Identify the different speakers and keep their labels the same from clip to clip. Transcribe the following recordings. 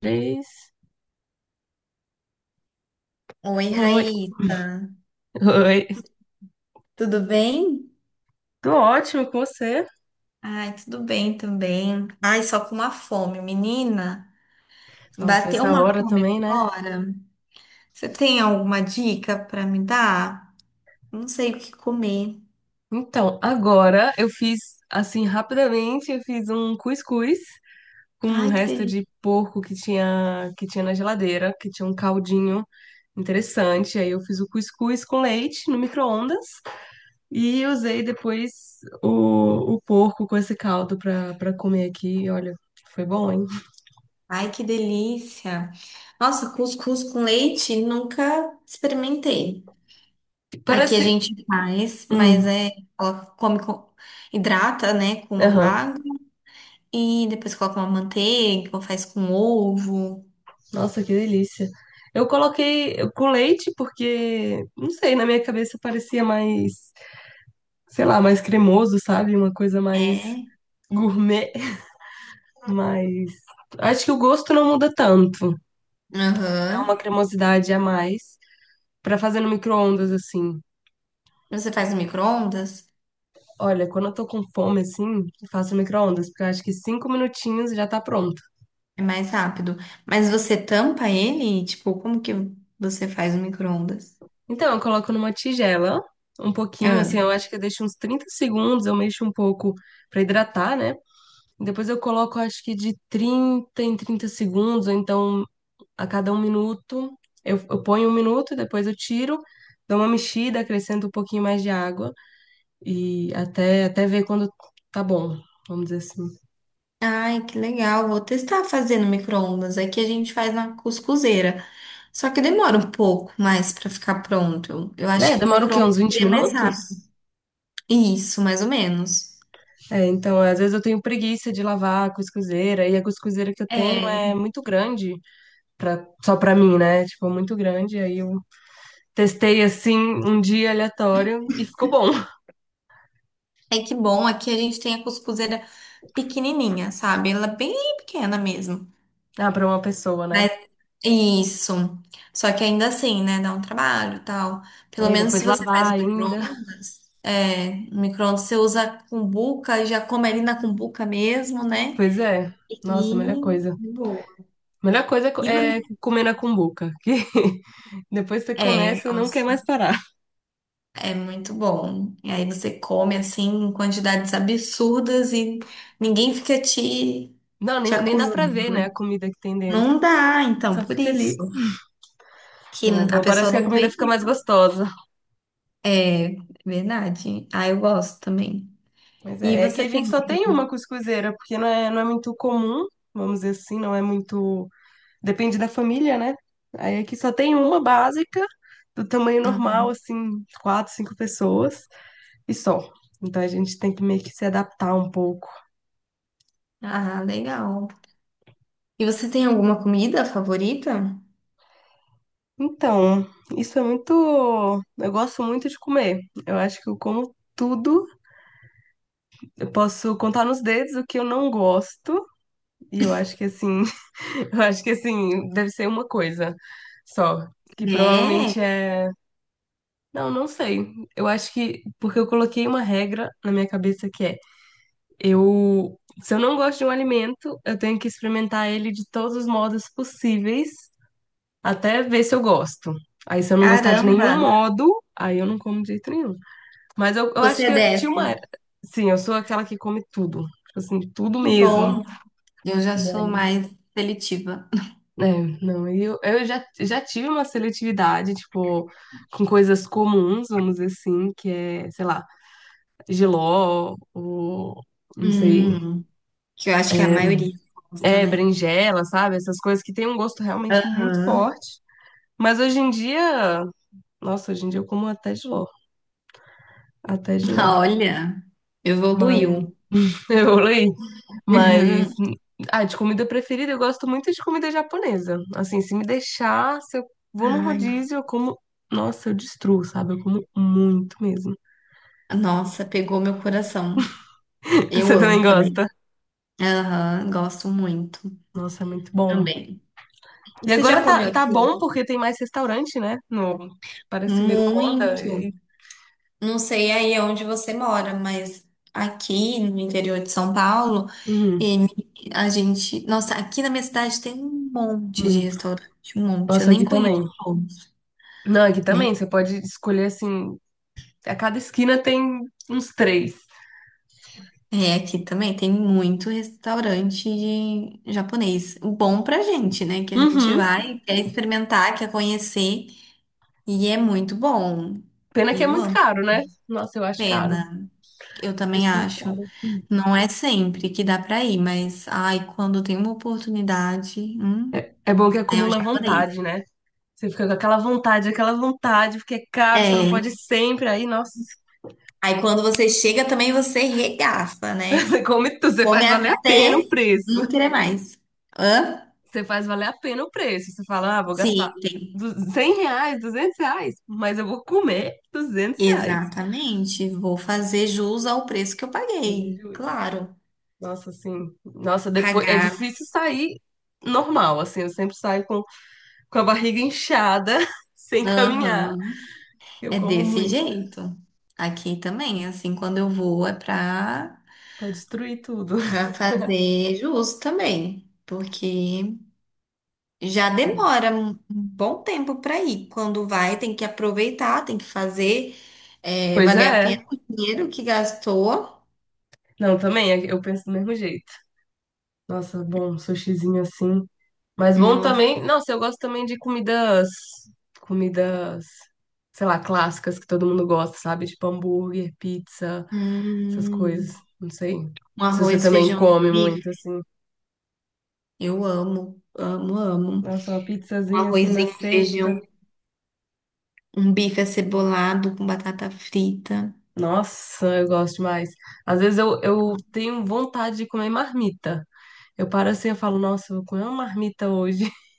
Speaker 1: Três.
Speaker 2: Oi,
Speaker 1: Oi,
Speaker 2: Raíssa.
Speaker 1: oi.
Speaker 2: Tudo bem?
Speaker 1: Tô ótimo com você.
Speaker 2: Ai, tudo bem também. Ai, só com uma fome, menina.
Speaker 1: Nossa,
Speaker 2: Bateu
Speaker 1: essa
Speaker 2: uma
Speaker 1: hora
Speaker 2: fome
Speaker 1: também, né?
Speaker 2: agora. Você tem alguma dica para me dar? Não sei o que comer.
Speaker 1: Então, agora eu fiz, assim, rapidamente, eu fiz um cuscuz com um
Speaker 2: Ai, que
Speaker 1: resto
Speaker 2: delícia.
Speaker 1: de porco que tinha, na geladeira, que tinha um caldinho interessante. Aí eu fiz o cuscuz com leite no micro-ondas e usei depois o porco com esse caldo pra comer aqui. E olha, foi bom, hein?
Speaker 2: Ai, que delícia. Nossa, cuscuz com leite, nunca experimentei. Aqui a
Speaker 1: Parece.
Speaker 2: gente faz, mas
Speaker 1: Hum,
Speaker 2: é, ela come com, hidrata, né, com
Speaker 1: aham.
Speaker 2: água e depois coloca uma manteiga, ou faz com ovo.
Speaker 1: Nossa, que delícia. Eu coloquei com leite porque, não sei, na minha cabeça parecia mais, sei lá, mais cremoso, sabe? Uma coisa mais
Speaker 2: É.
Speaker 1: gourmet, mas acho que o gosto não muda tanto. Dá uma
Speaker 2: Aham.
Speaker 1: cremosidade a mais pra fazer no micro-ondas assim.
Speaker 2: Você faz no micro-ondas?
Speaker 1: Olha, quando eu tô com fome assim, eu faço no micro-ondas, porque eu acho que 5 minutinhos já tá pronto.
Speaker 2: É mais rápido. Mas você tampa ele? Tipo, como que você faz no micro-ondas?
Speaker 1: Então, eu coloco numa tigela um pouquinho,
Speaker 2: Ah.
Speaker 1: assim, eu acho que eu deixo uns 30 segundos, eu mexo um pouco pra hidratar, né? Depois eu coloco, acho que de 30 em 30 segundos, ou então a cada 1 minuto. Eu ponho 1 minuto, depois eu tiro, dou uma mexida, acrescento um pouquinho mais de água e até ver quando tá bom, vamos dizer assim.
Speaker 2: Ai, que legal. Vou testar fazendo micro-ondas. Aqui a gente faz na cuscuzeira. Só que demora um pouco mais pra ficar pronto. Eu
Speaker 1: É,
Speaker 2: acho que o
Speaker 1: demora o quê?
Speaker 2: micro-ondas
Speaker 1: Uns 20
Speaker 2: seria mais rápido.
Speaker 1: minutos?
Speaker 2: Isso, mais ou menos.
Speaker 1: É, então, às vezes eu tenho preguiça de lavar a cuscuzeira, e a cuscuzeira que eu tenho é
Speaker 2: É.
Speaker 1: muito grande, só pra mim, né? Tipo, muito grande, aí eu testei assim um dia aleatório e ficou bom.
Speaker 2: É que bom, aqui a gente tem a cuscuzeira pequenininha, sabe? Ela é bem pequena mesmo.
Speaker 1: Ah, pra uma pessoa, né?
Speaker 2: Mas isso. Só que ainda assim, né? Dá um trabalho, e tal. Pelo
Speaker 1: Aí
Speaker 2: menos
Speaker 1: depois
Speaker 2: se você faz
Speaker 1: lavar
Speaker 2: o
Speaker 1: ainda.
Speaker 2: micro-ondas, é, o micro-ondas você usa a cumbuca, já come ali na cumbuca mesmo, né?
Speaker 1: Pois é.
Speaker 2: E
Speaker 1: Nossa, a melhor coisa.
Speaker 2: de boa.
Speaker 1: A melhor coisa é
Speaker 2: E
Speaker 1: é
Speaker 2: você-
Speaker 1: comer na cumbuca, que depois você
Speaker 2: é,
Speaker 1: começa e não quer mais
Speaker 2: nossa,
Speaker 1: parar.
Speaker 2: é muito bom. E aí você come assim em quantidades absurdas e ninguém fica te
Speaker 1: Não,
Speaker 2: te
Speaker 1: nem dá pra ver,
Speaker 2: acusando.
Speaker 1: né, a comida que tem dentro.
Speaker 2: Não dá, então,
Speaker 1: Só
Speaker 2: por
Speaker 1: fica ali.
Speaker 2: isso que
Speaker 1: Não, é
Speaker 2: a
Speaker 1: bom,
Speaker 2: pessoa
Speaker 1: parece que a
Speaker 2: não
Speaker 1: comida
Speaker 2: vem.
Speaker 1: fica mais
Speaker 2: Então.
Speaker 1: gostosa.
Speaker 2: É verdade. Ah, eu gosto também.
Speaker 1: Mas
Speaker 2: E
Speaker 1: é que
Speaker 2: você
Speaker 1: a gente
Speaker 2: tem.
Speaker 1: só tem uma cuscuzeira, porque não é muito comum, vamos dizer assim, não é muito. Depende da família, né? Aí aqui só tem uma básica, do tamanho normal, assim, quatro, cinco pessoas. E só. Então a gente tem que meio que se adaptar um pouco.
Speaker 2: Ah, legal. E você tem alguma comida favorita?
Speaker 1: Então, isso é muito. Eu gosto muito de comer. Eu acho que eu como tudo. Eu posso contar nos dedos o que eu não gosto. E eu acho que assim, eu acho que assim, deve ser uma coisa só. Que
Speaker 2: É,
Speaker 1: provavelmente é. Não, não sei. Eu acho que. Porque eu coloquei uma regra na minha cabeça que é: eu. Se eu não gosto de um alimento, eu tenho que experimentar ele de todos os modos possíveis até ver se eu gosto. Aí se eu não gostar de
Speaker 2: caramba.
Speaker 1: nenhum modo, aí eu não como de jeito nenhum. Mas eu acho
Speaker 2: Você é
Speaker 1: que tinha uma.
Speaker 2: dessas.
Speaker 1: Sim, eu sou aquela que come tudo. Tipo assim, tudo
Speaker 2: Que
Speaker 1: mesmo.
Speaker 2: bom. Eu já sou mais seletiva.
Speaker 1: É, não, e eu já tive uma seletividade, tipo, com coisas comuns, vamos dizer assim, que é, sei lá, jiló, ou, não sei,
Speaker 2: Hum, que eu acho que a
Speaker 1: é,
Speaker 2: maioria gosta, né?
Speaker 1: berinjela, sabe? Essas coisas que têm um gosto realmente muito
Speaker 2: Aham.
Speaker 1: forte. Mas hoje em dia, nossa, hoje em dia eu como até jiló, até jiló.
Speaker 2: Olha,
Speaker 1: Mas
Speaker 2: evoluiu.
Speaker 1: eu leio, mas
Speaker 2: Uhum.
Speaker 1: de comida preferida eu gosto muito de comida japonesa. Assim, se me deixar, se eu vou num
Speaker 2: Ai,
Speaker 1: rodízio, eu como, nossa, eu destruo, sabe? Eu como muito mesmo.
Speaker 2: nossa, pegou meu coração. Eu
Speaker 1: Você também
Speaker 2: amo
Speaker 1: gosta?
Speaker 2: também. Aham, gosto muito
Speaker 1: Nossa, é muito bom.
Speaker 2: também.
Speaker 1: E
Speaker 2: Você
Speaker 1: agora
Speaker 2: já
Speaker 1: tá,
Speaker 2: comeu
Speaker 1: tá
Speaker 2: aqui?
Speaker 1: bom porque tem mais restaurante, né? No. Parece que virou moda.
Speaker 2: Muito. Não sei aí onde você mora, mas aqui no interior de São Paulo,
Speaker 1: Uhum,
Speaker 2: ele- a gente. Nossa, aqui na minha cidade tem um monte de
Speaker 1: muito.
Speaker 2: restaurante, um monte. Eu
Speaker 1: Nossa,
Speaker 2: nem
Speaker 1: aqui
Speaker 2: conheço
Speaker 1: também.
Speaker 2: todos,
Speaker 1: Não, aqui
Speaker 2: nem.
Speaker 1: também. Você pode escolher assim. A cada esquina tem uns três.
Speaker 2: É, aqui também tem muito restaurante de japonês. Bom pra gente, né? Que a gente
Speaker 1: Uhum.
Speaker 2: vai, quer experimentar, quer conhecer. E é muito bom.
Speaker 1: Pena que é
Speaker 2: Eu
Speaker 1: muito
Speaker 2: amo.
Speaker 1: caro, né? Nossa, eu acho caro.
Speaker 2: Pena. Eu também
Speaker 1: Acho muito
Speaker 2: acho.
Speaker 1: caro.
Speaker 2: Não é sempre que dá pra ir, mas ai, quando tem uma oportunidade,
Speaker 1: É bom que
Speaker 2: né, é um
Speaker 1: acumula
Speaker 2: japonês.
Speaker 1: vontade, né? Você fica com aquela vontade, porque é caro, você não
Speaker 2: É.
Speaker 1: pode ir sempre. Aí, nossa,
Speaker 2: Aí quando você chega também você regaça, né?
Speaker 1: você come tudo, você
Speaker 2: Come
Speaker 1: faz valer a pena o
Speaker 2: até
Speaker 1: preço.
Speaker 2: não querer mais. Hã?
Speaker 1: Você faz valer a pena o preço. Você fala, ah, vou gastar
Speaker 2: Sim, tem.
Speaker 1: 100 reais, 200 reais, mas eu vou comer 200 reais.
Speaker 2: Exatamente. Vou fazer jus ao preço que eu
Speaker 1: Mas é
Speaker 2: paguei.
Speaker 1: justo.
Speaker 2: Claro.
Speaker 1: Nossa, assim, nossa, depois é
Speaker 2: Pagar.
Speaker 1: difícil sair normal, assim, eu sempre saio com a barriga inchada, sem caminhar.
Speaker 2: Aham.
Speaker 1: Eu
Speaker 2: É
Speaker 1: como
Speaker 2: desse
Speaker 1: muito,
Speaker 2: jeito. Aqui também, assim, quando eu vou é pra
Speaker 1: pra destruir tudo.
Speaker 2: Pra fazer justo também, porque já demora um bom tempo para ir. Quando vai, tem que aproveitar, tem que fazer
Speaker 1: Pois
Speaker 2: valer a pena
Speaker 1: é.
Speaker 2: o dinheiro que gastou.
Speaker 1: Não, também, eu penso do mesmo jeito. Nossa, bom, um sushizinho assim. Mas bom
Speaker 2: Nossa,
Speaker 1: também. Nossa, eu gosto também de comidas. Comidas, sei lá, clássicas que todo mundo gosta, sabe? Tipo hambúrguer, pizza, essas coisas.
Speaker 2: hum,
Speaker 1: Não sei.
Speaker 2: um
Speaker 1: Se você
Speaker 2: arroz,
Speaker 1: também
Speaker 2: feijão,
Speaker 1: come
Speaker 2: bife.
Speaker 1: muito, assim.
Speaker 2: Eu amo, amo, amo.
Speaker 1: Nossa, uma
Speaker 2: Um
Speaker 1: pizzazinha assim na
Speaker 2: arrozinho,
Speaker 1: sexta.
Speaker 2: feijão, um bife acebolado com batata frita.
Speaker 1: Nossa, eu gosto demais. Às vezes eu tenho vontade de comer marmita. Eu paro assim e falo, nossa, eu vou comer uma marmita hoje.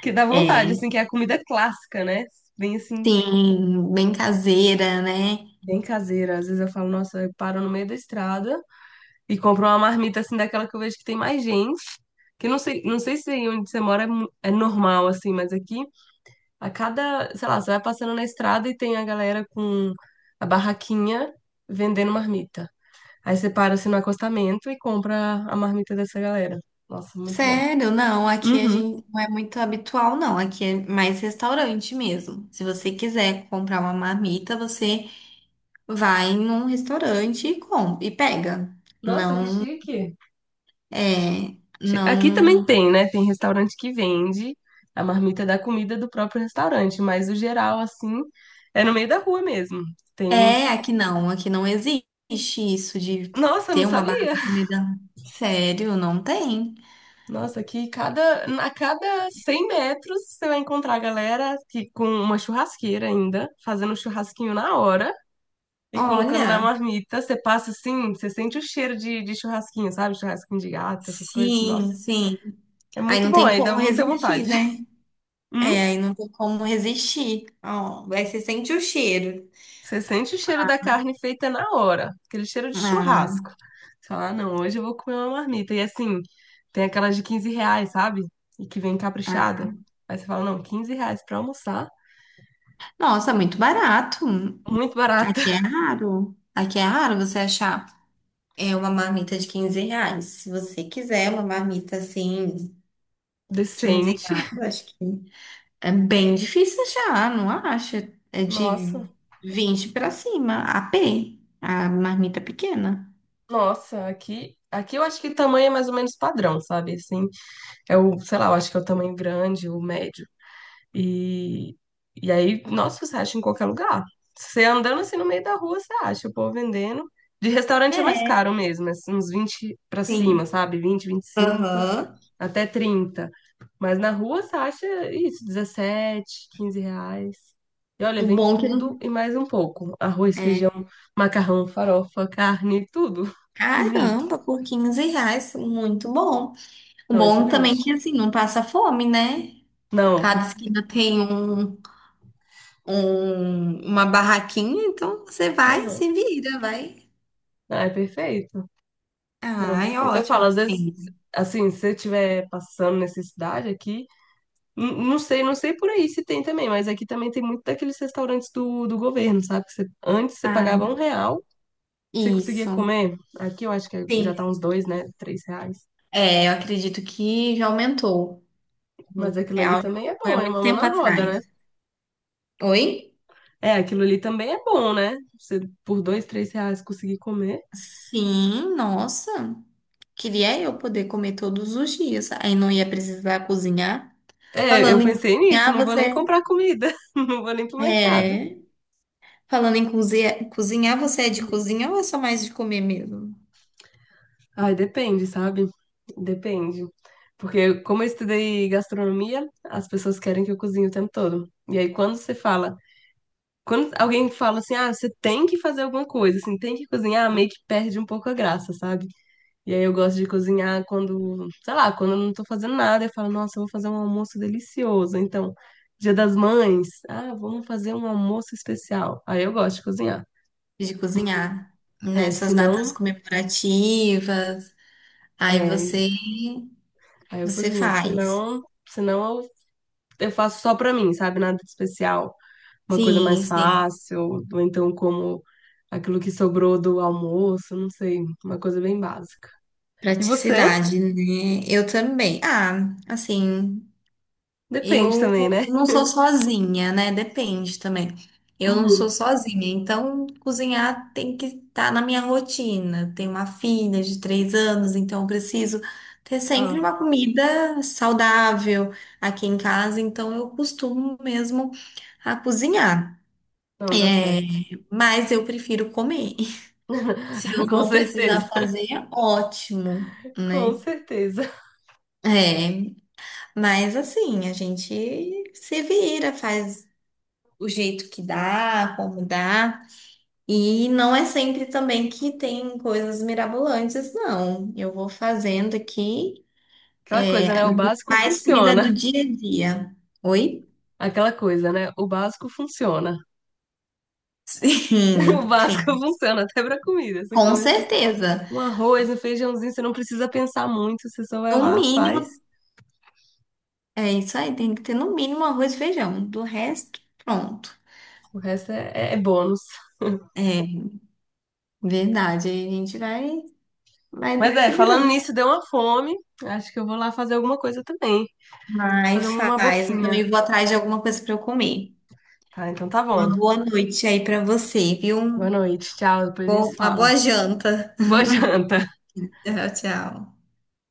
Speaker 1: Que dá vontade,
Speaker 2: É,
Speaker 1: assim, que é a comida clássica, né? Vem assim.
Speaker 2: sim, bem caseira, né?
Speaker 1: Bem caseira. Às vezes eu falo, nossa, eu paro no meio da estrada e compro uma marmita assim daquela que eu vejo que tem mais gente. Que não sei, não sei se aí onde você mora é, é normal, assim, mas aqui a cada, sei lá, você vai passando na estrada e tem a galera com a barraquinha vendendo marmita. Aí você para assim no acostamento e compra a marmita dessa galera. Nossa, muito bom.
Speaker 2: Sério? Não, aqui a
Speaker 1: Uhum.
Speaker 2: gente não é muito habitual, não. Aqui é mais restaurante mesmo. Se você quiser comprar uma marmita, você vai num restaurante e compra e pega.
Speaker 1: Nossa, que
Speaker 2: Não
Speaker 1: chique.
Speaker 2: é,
Speaker 1: Aqui também
Speaker 2: não
Speaker 1: tem, né? Tem restaurante que vende a marmita da comida do próprio restaurante, mas o geral, assim, é no meio da rua mesmo. Tem.
Speaker 2: é aqui não existe isso de
Speaker 1: Nossa, eu não
Speaker 2: ter uma barra
Speaker 1: sabia!
Speaker 2: de comida. Sério, não tem.
Speaker 1: Nossa, aqui a cada 100 metros você vai encontrar a galera que, com uma churrasqueira ainda, fazendo um churrasquinho na hora e colocando na
Speaker 2: Olha,
Speaker 1: marmita. Você passa assim, você sente o cheiro de churrasquinho, sabe? Churrasquinho de gato, essas coisas, assim. Nossa,
Speaker 2: sim, sim.
Speaker 1: é
Speaker 2: Aí
Speaker 1: muito
Speaker 2: não
Speaker 1: bom,
Speaker 2: tem
Speaker 1: aí dá
Speaker 2: como
Speaker 1: muita
Speaker 2: resistir,
Speaker 1: vontade.
Speaker 2: né? É,
Speaker 1: Hum?
Speaker 2: aí não tem como resistir. Ó, aí você sente o cheiro.
Speaker 1: Você sente o cheiro da carne feita na hora, aquele cheiro de
Speaker 2: Ah.
Speaker 1: churrasco. Você fala, ah, não, hoje eu vou comer uma marmita. E assim, tem aquelas de 15 reais, sabe? E que vem caprichada.
Speaker 2: Ah,
Speaker 1: Aí você fala, não, 15 reais pra almoçar,
Speaker 2: nossa, muito barato.
Speaker 1: muito barata,
Speaker 2: Aqui é raro. Aqui é raro você achar é uma marmita de 15 reais. Se você quiser uma marmita assim, 15
Speaker 1: decente.
Speaker 2: reais, acho que é bem difícil achar, não acha? É de
Speaker 1: Nossa,
Speaker 2: 20 para cima, a pé, a marmita pequena.
Speaker 1: nossa, aqui eu acho que tamanho é mais ou menos padrão, sabe? Assim, é o, sei lá, eu acho que é o tamanho grande, o médio, E, e aí, nossa, você acha em qualquer lugar. Você andando assim no meio da rua, você acha o povo vendendo. De restaurante é mais
Speaker 2: É,
Speaker 1: caro mesmo, é assim, uns 20 pra cima,
Speaker 2: sim.
Speaker 1: sabe? Vinte, vinte e cinco
Speaker 2: Aham.
Speaker 1: até trinta. Mas na rua você acha isso, dezessete, 15 reais. E olha,
Speaker 2: O
Speaker 1: vem
Speaker 2: bom é que não.
Speaker 1: tudo e mais um pouco. Arroz,
Speaker 2: É,
Speaker 1: feijão, macarrão, farofa, carne, tudo junto.
Speaker 2: caramba, por 15 reais, muito bom. O
Speaker 1: Não,
Speaker 2: bom também é
Speaker 1: excelente.
Speaker 2: que assim, não passa fome, né? Cada
Speaker 1: Não.
Speaker 2: esquina tem uma barraquinha, então você vai,
Speaker 1: Uhum.
Speaker 2: se vira, vai.
Speaker 1: Ah, é perfeito. Não,
Speaker 2: Ah, é
Speaker 1: perfeito. Eu
Speaker 2: ótimo
Speaker 1: falo, às vezes,
Speaker 2: assim.
Speaker 1: assim, se você estiver passando necessidade aqui, não sei, não sei por aí se tem também, mas aqui também tem muito daqueles restaurantes do governo, sabe? Que antes você pagava
Speaker 2: Ah,
Speaker 1: 1 real, você conseguia
Speaker 2: isso.
Speaker 1: comer. Aqui eu acho que já tá
Speaker 2: Sim.
Speaker 1: uns 2, né? 3 reais.
Speaker 2: É, eu acredito que já aumentou. Um
Speaker 1: Mas aquilo ali
Speaker 2: real já
Speaker 1: também é
Speaker 2: foi há
Speaker 1: bom, é
Speaker 2: muito
Speaker 1: uma mão
Speaker 2: tempo
Speaker 1: na roda, né?
Speaker 2: atrás. Oi?
Speaker 1: É, aquilo ali também é bom, né? Você por 2, 3 reais conseguir comer.
Speaker 2: Sim, nossa. Queria eu poder comer todos os dias. Aí não ia precisar cozinhar.
Speaker 1: É,
Speaker 2: Falando
Speaker 1: eu
Speaker 2: em
Speaker 1: pensei nisso,
Speaker 2: cozinhar,
Speaker 1: não vou nem
Speaker 2: você.
Speaker 1: comprar comida, não vou nem pro mercado.
Speaker 2: É. Falando em cozinhar, cozinhar, você é de cozinha ou é só mais de comer mesmo?
Speaker 1: Ai, depende, sabe? Depende. Porque como eu estudei gastronomia, as pessoas querem que eu cozinhe o tempo todo. E aí quando você fala, quando alguém fala assim, ah, você tem que fazer alguma coisa, assim, tem que cozinhar, meio que perde um pouco a graça, sabe? E aí eu gosto de cozinhar quando, sei lá, quando eu não tô fazendo nada, eu falo, nossa, eu vou fazer um almoço delicioso. Então, Dia das Mães, ah, vamos fazer um almoço especial. Aí eu gosto de cozinhar.
Speaker 2: De cozinhar
Speaker 1: É, se
Speaker 2: nessas datas
Speaker 1: não,
Speaker 2: comemorativas. Aí
Speaker 1: é,
Speaker 2: você
Speaker 1: aí eu
Speaker 2: você
Speaker 1: cozinho. Se
Speaker 2: faz.
Speaker 1: não, eu faço só pra mim, sabe? Nada de especial. Uma coisa
Speaker 2: Sim,
Speaker 1: mais
Speaker 2: sim.
Speaker 1: fácil, ou então como aquilo que sobrou do almoço, não sei. Uma coisa bem básica. E você?
Speaker 2: Praticidade, né? Eu também. Ah, assim,
Speaker 1: Depende também,
Speaker 2: eu
Speaker 1: né?
Speaker 2: não sou sozinha, né? Depende também. Eu não sou
Speaker 1: Uhum.
Speaker 2: sozinha, então cozinhar tem que estar na minha rotina. Tenho uma filha de 3 anos, então eu preciso ter sempre
Speaker 1: Ah,
Speaker 2: uma comida saudável aqui em casa, então eu costumo mesmo a cozinhar.
Speaker 1: não, tá certo.
Speaker 2: É, mas eu prefiro comer. Se eu
Speaker 1: Com
Speaker 2: não
Speaker 1: certeza.
Speaker 2: precisar fazer, ótimo,
Speaker 1: Com
Speaker 2: né?
Speaker 1: certeza.
Speaker 2: É, mas assim, a gente se vira, faz o jeito que dá, como dá. E não é sempre também que tem coisas mirabolantes, não. Eu vou fazendo aqui
Speaker 1: Aquela coisa, né? O básico
Speaker 2: mais comida
Speaker 1: funciona.
Speaker 2: do dia a dia. Oi?
Speaker 1: Aquela coisa, né? O básico funciona. O
Speaker 2: Sim,
Speaker 1: básico
Speaker 2: sim.
Speaker 1: funciona até pra comida. Você
Speaker 2: Com
Speaker 1: come assim,
Speaker 2: certeza.
Speaker 1: um arroz, um feijãozinho, você não precisa pensar muito, você só vai
Speaker 2: No
Speaker 1: lá,
Speaker 2: mínimo,
Speaker 1: faz.
Speaker 2: é isso aí, tem que ter no mínimo arroz e feijão. Do resto, pronto.
Speaker 1: O resto é bônus.
Speaker 2: É verdade, aí a gente vai,
Speaker 1: Mas
Speaker 2: vai
Speaker 1: é,
Speaker 2: se
Speaker 1: falando
Speaker 2: virando.
Speaker 1: nisso, deu uma fome. Acho que eu vou lá fazer alguma coisa também.
Speaker 2: Vai,
Speaker 1: Fazer uma
Speaker 2: faz. Eu
Speaker 1: boquinha.
Speaker 2: também vou atrás de alguma coisa para eu comer.
Speaker 1: Tá, então tá bom.
Speaker 2: Uma boa noite aí para você,
Speaker 1: Boa
Speaker 2: viu?
Speaker 1: noite, tchau. Depois a gente
Speaker 2: Bom,
Speaker 1: se
Speaker 2: uma
Speaker 1: fala.
Speaker 2: boa janta.
Speaker 1: Boa janta.
Speaker 2: Tchau, tchau.